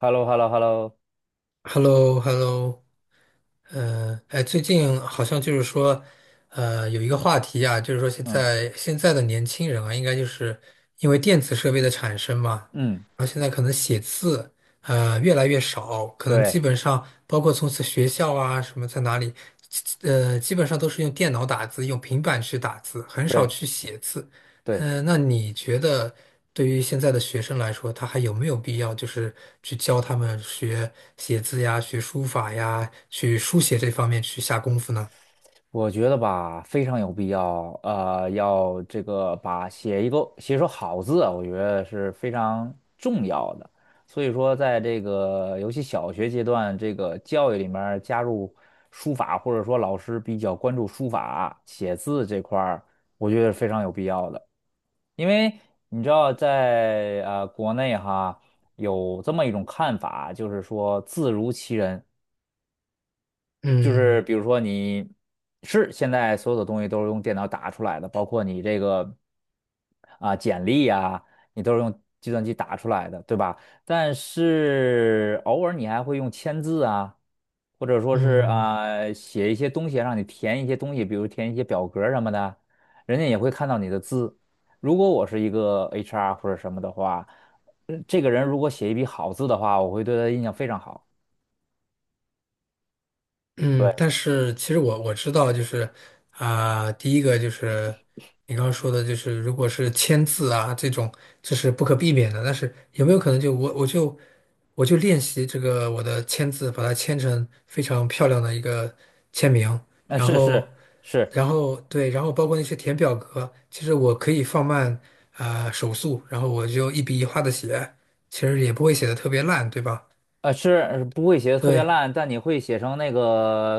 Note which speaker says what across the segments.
Speaker 1: h e l l o h e l l o h e l l o
Speaker 2: h e l l o h e l l o。 哎，最近好像就是说，有一个话题啊，就是说现
Speaker 1: 嗯
Speaker 2: 在现在的年轻人啊，应该就是因为电子设备的产生嘛，
Speaker 1: 嗯，
Speaker 2: 然后现在可能写字越来越少，可能基
Speaker 1: 对
Speaker 2: 本上包括从此学校啊什么在哪里，基本上都是用电脑打字，用平板去打字，很少
Speaker 1: 对
Speaker 2: 去写字。
Speaker 1: 对，
Speaker 2: 那你觉得对于现在的学生来说，他还有没有必要就是去教他们学写字呀、学书法呀、去书写这方面去下功夫呢？
Speaker 1: 我觉得吧，非常有必要，要这个把写一个写一手好字啊，我觉得是非常重要的。所以说，在这个尤其小学阶段，这个教育里面儿加入书法，或者说老师比较关注书法写字这块儿，我觉得是非常有必要的。因为你知道在，国内哈有这么一种看法，就是说字如其人。就是
Speaker 2: 嗯
Speaker 1: 比如说你是现在所有的东西都是用电脑打出来的，包括你这个简历啊，你都是用计算机打出来的，对吧？但是偶尔你还会用签字啊，或者说是
Speaker 2: 嗯，
Speaker 1: 啊写一些东西，让你填一些东西，比如填一些表格什么的，人家也会看到你的字。如果我是一个 HR 或者什么的话，这个人如果写一笔好字的话，我会对他印象非常好。
Speaker 2: 嗯，
Speaker 1: 对，
Speaker 2: 但是其实我知道，就是啊、第一个就是你刚刚说的，就是如果是签字啊这种，这是不可避免的。但是有没有可能就我我就我就练习这个我的签字，把它签成非常漂亮的一个签名，
Speaker 1: 那
Speaker 2: 然
Speaker 1: 是是
Speaker 2: 后
Speaker 1: 是，
Speaker 2: 然后对，然后包括那些填表格，其实我可以放慢啊、手速，然后我就一笔一画的写，其实也不会写的特别烂，对吧？
Speaker 1: 呃，是不会写的特别
Speaker 2: 对，
Speaker 1: 烂，但你会写成那个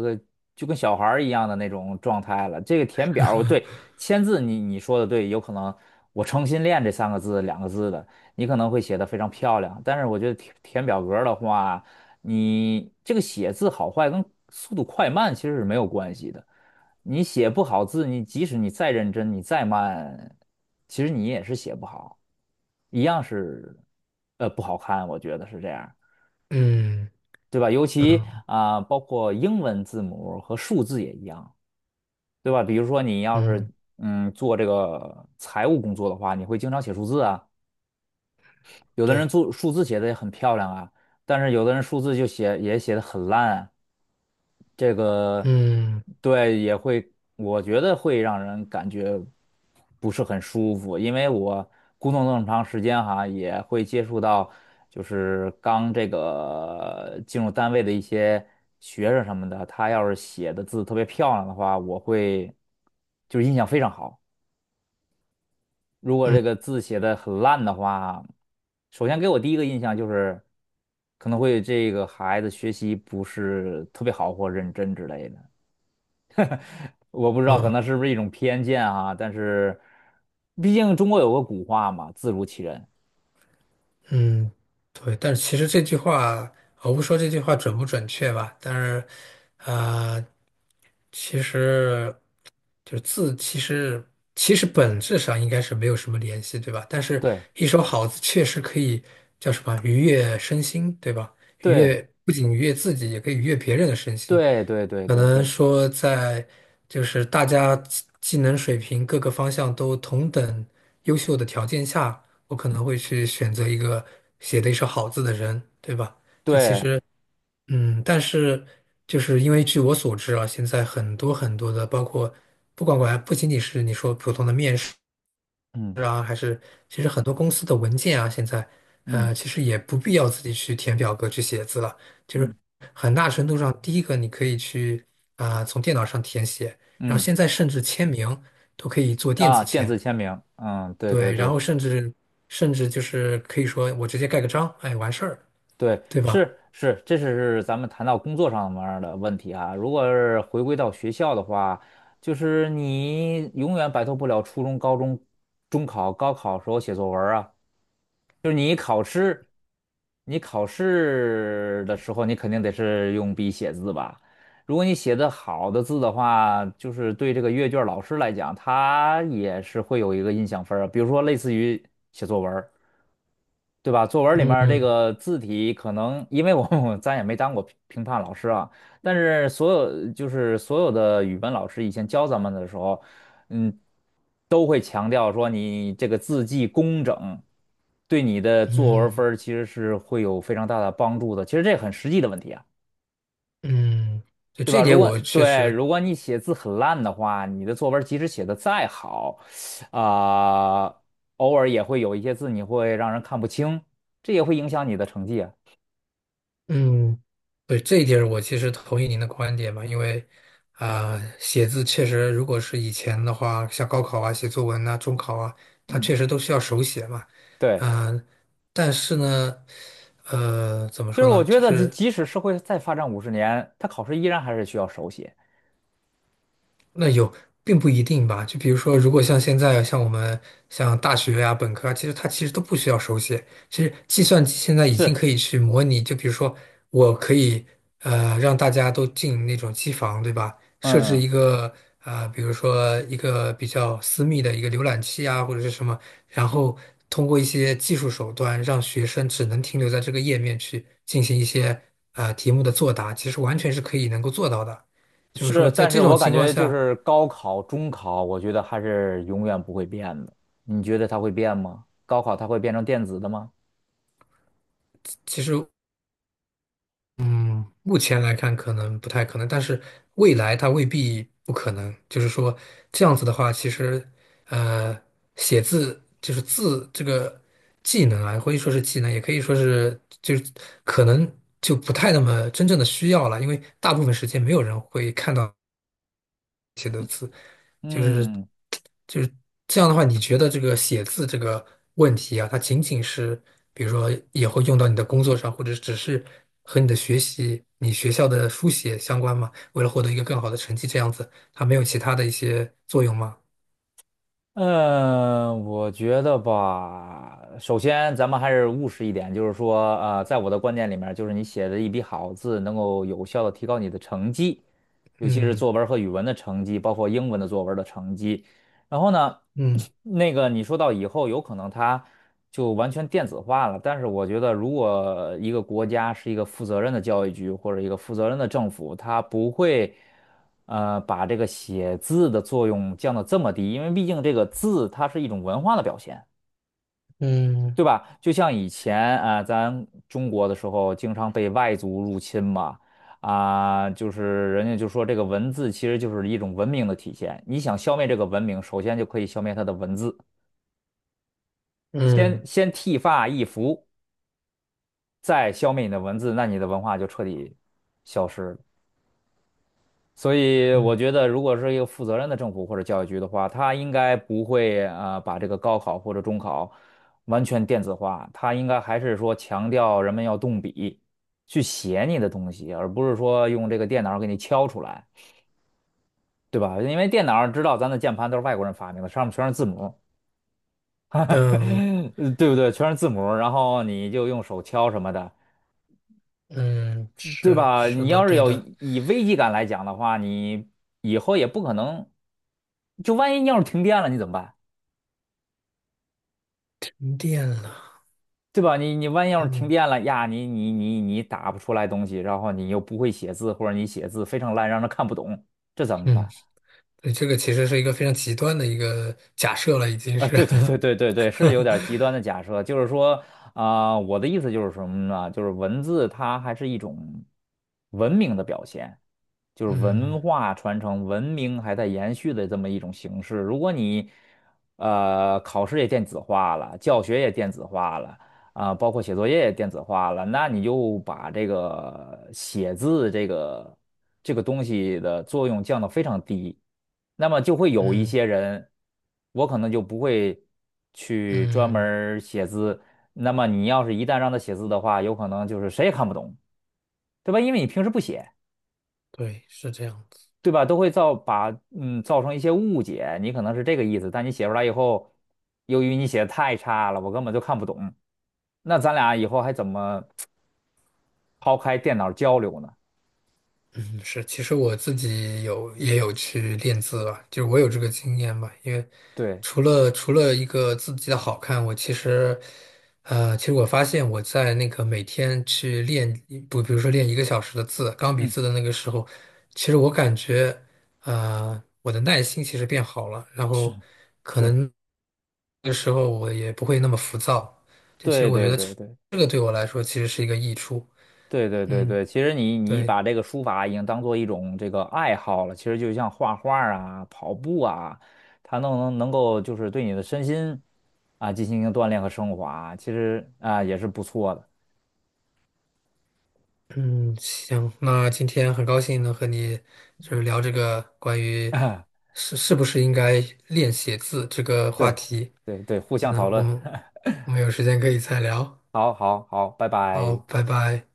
Speaker 1: 呃就跟小孩儿一样的那种状态了。这个填表儿，对，签字你说的对，有可能我诚心练这三个字两个字的，你可能会写的非常漂亮，但是我觉得填表格儿的话，你这个写字好坏跟速度快慢其实是没有关系的。你写不好字，你即使你再认真，你再慢，其实你也是写不好，一样是不好看，我觉得是这样。
Speaker 2: 嗯
Speaker 1: 对吧？尤其
Speaker 2: 嗯
Speaker 1: 啊、包括英文字母和数字也一样，对吧？比如说你要是
Speaker 2: 嗯，
Speaker 1: 做这个财务工作的话，你会经常写数字啊；有的人
Speaker 2: 对。
Speaker 1: 做数字写的也很漂亮啊，但是有的人数字就写也写的很烂啊这个
Speaker 2: 嗯
Speaker 1: 对也会，我觉得会让人感觉不是很舒服，因为我工作那么长时间哈，也会接触到就是刚这个进入单位的一些学生什么的，他要是写的字特别漂亮的话，我会就是印象非常好。如果
Speaker 2: 嗯
Speaker 1: 这个字写的很烂的话，首先给我第一个印象就是可能会这个孩子学习不是特别好或认真之类的。我不知道，可
Speaker 2: 嗯
Speaker 1: 能是不是一种偏见啊？但是毕竟中国有个古话嘛，“字如其人”。
Speaker 2: 嗯，对，但是其实这句话，我不说这句话准不准确吧，但是，啊，其实就字，其实本质上应该是没有什么联系，对吧？但是
Speaker 1: 对。
Speaker 2: 一手好字确实可以叫什么愉悦身心，对吧？愉
Speaker 1: 对
Speaker 2: 悦不仅愉悦自己，也可以愉悦别人的身心。
Speaker 1: 对对对
Speaker 2: 可
Speaker 1: 对
Speaker 2: 能
Speaker 1: 对
Speaker 2: 说在就是大家技能水平各个方向都同等优秀的条件下，我可能会去选择一个写的一手好字的人，对吧？这其
Speaker 1: 对，
Speaker 2: 实，但是就是因为据我所知啊，现在很多很多的，包括不管管不仅仅是你说普通的面试
Speaker 1: 嗯
Speaker 2: 啊，还是其实很多公司的文件啊，现在
Speaker 1: 嗯
Speaker 2: 其实也不必要自己去填表格去写字了。
Speaker 1: 嗯
Speaker 2: 很大程度上，第一个你可以去啊、从电脑上填写，然后
Speaker 1: 嗯
Speaker 2: 现在甚至签名都可以做电
Speaker 1: 啊，
Speaker 2: 子
Speaker 1: 电
Speaker 2: 签，
Speaker 1: 子签名，嗯，对对
Speaker 2: 对，然
Speaker 1: 对。
Speaker 2: 后甚至就是可以说我直接盖个章，哎，完事儿，
Speaker 1: 对，
Speaker 2: 对吧？
Speaker 1: 是是，这是咱们谈到工作上面儿的问题啊。如果是回归到学校的话，就是你永远摆脱不了初中、高中、中考、高考时候写作文儿啊。你考试的时候，你肯定得是用笔写字吧？如果你写的好的字的话，就是对这个阅卷儿老师来讲，他也是会有一个印象分儿啊。比如说，类似于写作文儿对吧？作文里面儿这
Speaker 2: 嗯
Speaker 1: 个字体可能，因为我 咱也没当过评判老师啊，但是所有的语文老师以前教咱们的时候，嗯，都会强调说你这个字迹工整，对你的作文
Speaker 2: 嗯
Speaker 1: 分儿其实是会有非常大的帮助的。其实这很实际的问题啊。
Speaker 2: 嗯，对，
Speaker 1: 对
Speaker 2: 这
Speaker 1: 吧？
Speaker 2: 一点我确实，
Speaker 1: 如果你写字很烂的话，你的作文即使写的再好，啊、偶尔也会有一些字你会让人看不清，这也会影响你的成绩啊。
Speaker 2: 嗯，对，这一点我其实同意您的观点嘛，因为啊、写字确实如果是以前的话，像高考啊、写作文啊、中考啊，它
Speaker 1: 嗯，
Speaker 2: 确实都需要手写嘛，
Speaker 1: 对，
Speaker 2: 嗯、但是呢。怎么
Speaker 1: 就
Speaker 2: 说
Speaker 1: 是我
Speaker 2: 呢？
Speaker 1: 觉
Speaker 2: 就
Speaker 1: 得即
Speaker 2: 是
Speaker 1: 即使社会再发展50年，它考试依然还是需要手写。
Speaker 2: 那有，并不一定吧。就比如说，如果像现在，像我们像大学呀、本科啊，其实它其实都不需要手写。其实计算机现在已经
Speaker 1: 是，
Speaker 2: 可以去模拟，就比如说，我可以让大家都进那种机房，对吧？设置
Speaker 1: 嗯，
Speaker 2: 一个比如说一个比较私密的一个浏览器啊，或者是什么，然后通过一些技术手段，让学生只能停留在这个页面去进行一些题目的作答，其实完全是可以能够做到的。就是
Speaker 1: 是，
Speaker 2: 说，在
Speaker 1: 但是
Speaker 2: 这种
Speaker 1: 我感
Speaker 2: 情况
Speaker 1: 觉就
Speaker 2: 下。
Speaker 1: 是高考、中考，我觉得还是永远不会变的。你觉得它会变吗？高考它会变成电子的吗？
Speaker 2: 就目前来看可能不太可能，但是未来它未必不可能。就是说这样子的话，其实呃，写字就是字这个技能啊，可以说是技能，也可以说是就是可能就不太那么真正的需要了，因为大部分时间没有人会看到。就是
Speaker 1: 嗯。
Speaker 2: 就是这样的话，你觉得这个写字这个问题啊，它仅仅是比如说以后用到你的工作上，或者只是和你的学习、你学校的书写相关吗？为了获得一个更好的成绩，这样子，它没有其他的一些作用吗？
Speaker 1: 嗯，我觉得吧，首先咱们还是务实一点，就是说，在我的观念里面儿就是你写的一笔好字，能够有效的提高你的成绩，尤其是
Speaker 2: 嗯
Speaker 1: 作文儿和语文的成绩，包括英文的作文儿的成绩。然后呢，
Speaker 2: 嗯
Speaker 1: 那个你说到以后有可能它就完全电子化了，但是我觉得如果一个国家是一个负责任的教育局或者一个负责任的政府，它不会把这个写字的作用降到这么低，因为毕竟这个字它是一种文化的表现。
Speaker 2: 嗯
Speaker 1: 对吧？就像以前啊、咱中国的时候，经常被外族入侵嘛，啊、就是人家就说这个文字其实就是一种文明的体现。你想消灭这个文明，首先就可以消灭它的文字，
Speaker 2: 嗯
Speaker 1: 先剃发易服，再消灭你的文字，那你的文化就彻底消失了。所以我
Speaker 2: 嗯
Speaker 1: 觉得，如果是一个负责任的政府或者教育局的话，它应该不会啊、把这个高考或者中考完全电子化，它应该还是说强调人们要动笔去写你的东西，而不是说用这个电脑给你敲出来，对吧？因为电脑知道咱的键盘都是外国人发明的，上面全是字母，
Speaker 2: 嗯
Speaker 1: 对不对？全是字母，然后你就用手敲什么的，
Speaker 2: 嗯，
Speaker 1: 对
Speaker 2: 是
Speaker 1: 吧？
Speaker 2: 是
Speaker 1: 你
Speaker 2: 的，
Speaker 1: 要是
Speaker 2: 对
Speaker 1: 有
Speaker 2: 的，
Speaker 1: 以危机感来讲的话，你以后也不可能。就万一要是停电了，你怎么办？
Speaker 2: 停电了，
Speaker 1: 对吧？你万一要是停
Speaker 2: 嗯
Speaker 1: 电了呀，你打不出来东西，然后你又不会写字，或者你写字非常烂，让人看不懂，这怎么
Speaker 2: 嗯，
Speaker 1: 办？
Speaker 2: 对，这个其实是一个非常极端的一个假设了，已经
Speaker 1: 啊，
Speaker 2: 是，
Speaker 1: 对对对对对对，是有点极端 的假设，就是说啊、我的意思就是什么呢？就是文字它还是一种文明的表现，就是
Speaker 2: 嗯。
Speaker 1: 文化传承、文明还在延续的这么一种形式。如果你考试也电子化了，教学也电子化了啊、包括写作业也电子化了，那你就把这个写字这个这个东西的作用降到非常低。那么就会有一
Speaker 2: 嗯
Speaker 1: 些人，我可能就不会去专门
Speaker 2: 嗯，
Speaker 1: 儿写字。那么你要是一旦让他写字的话，有可能就是谁也看不懂，对吧？因为你平时不写，
Speaker 2: 对，是这样子。
Speaker 1: 对吧？都会造把嗯造成一些误解。你可能是这个意思，但你写出来以后，由于你写的太差了，我根本就看不懂。那咱俩以后还怎么抛开电脑交流呢？
Speaker 2: 嗯是，其实我自己也有去练字吧，就是我有这个经验吧。因为
Speaker 1: 对，
Speaker 2: 除了一个字迹的好看，我其实，其实我发现我在那个每天去练，不，比如说练一个小时的字，钢笔
Speaker 1: 嗯，
Speaker 2: 字的那个时候，其实我感觉，我的耐心其实变好了，然
Speaker 1: 是
Speaker 2: 后可
Speaker 1: 是，
Speaker 2: 能那个时候我也不会那么浮躁。就其实
Speaker 1: 对
Speaker 2: 我觉
Speaker 1: 对
Speaker 2: 得这
Speaker 1: 对对。
Speaker 2: 这个对我来说其实是一个益处。
Speaker 1: 对对对
Speaker 2: 嗯，
Speaker 1: 对，其实你你
Speaker 2: 对，
Speaker 1: 把这个书法已经当做一种这个爱好了，其实就像画画儿啊、跑步啊，它能够就是对你的身心进行一个锻炼和升华，其实啊也是不错的。
Speaker 2: 嗯，行，那今天很高兴能和你就是聊这个关于 是不是应该练写字这个话
Speaker 1: 对
Speaker 2: 题。
Speaker 1: 对对，互相
Speaker 2: 那
Speaker 1: 讨
Speaker 2: 我
Speaker 1: 论。
Speaker 2: 们 我们有时间可以再聊。
Speaker 1: 好好好，拜
Speaker 2: 好，
Speaker 1: 拜。
Speaker 2: 拜拜。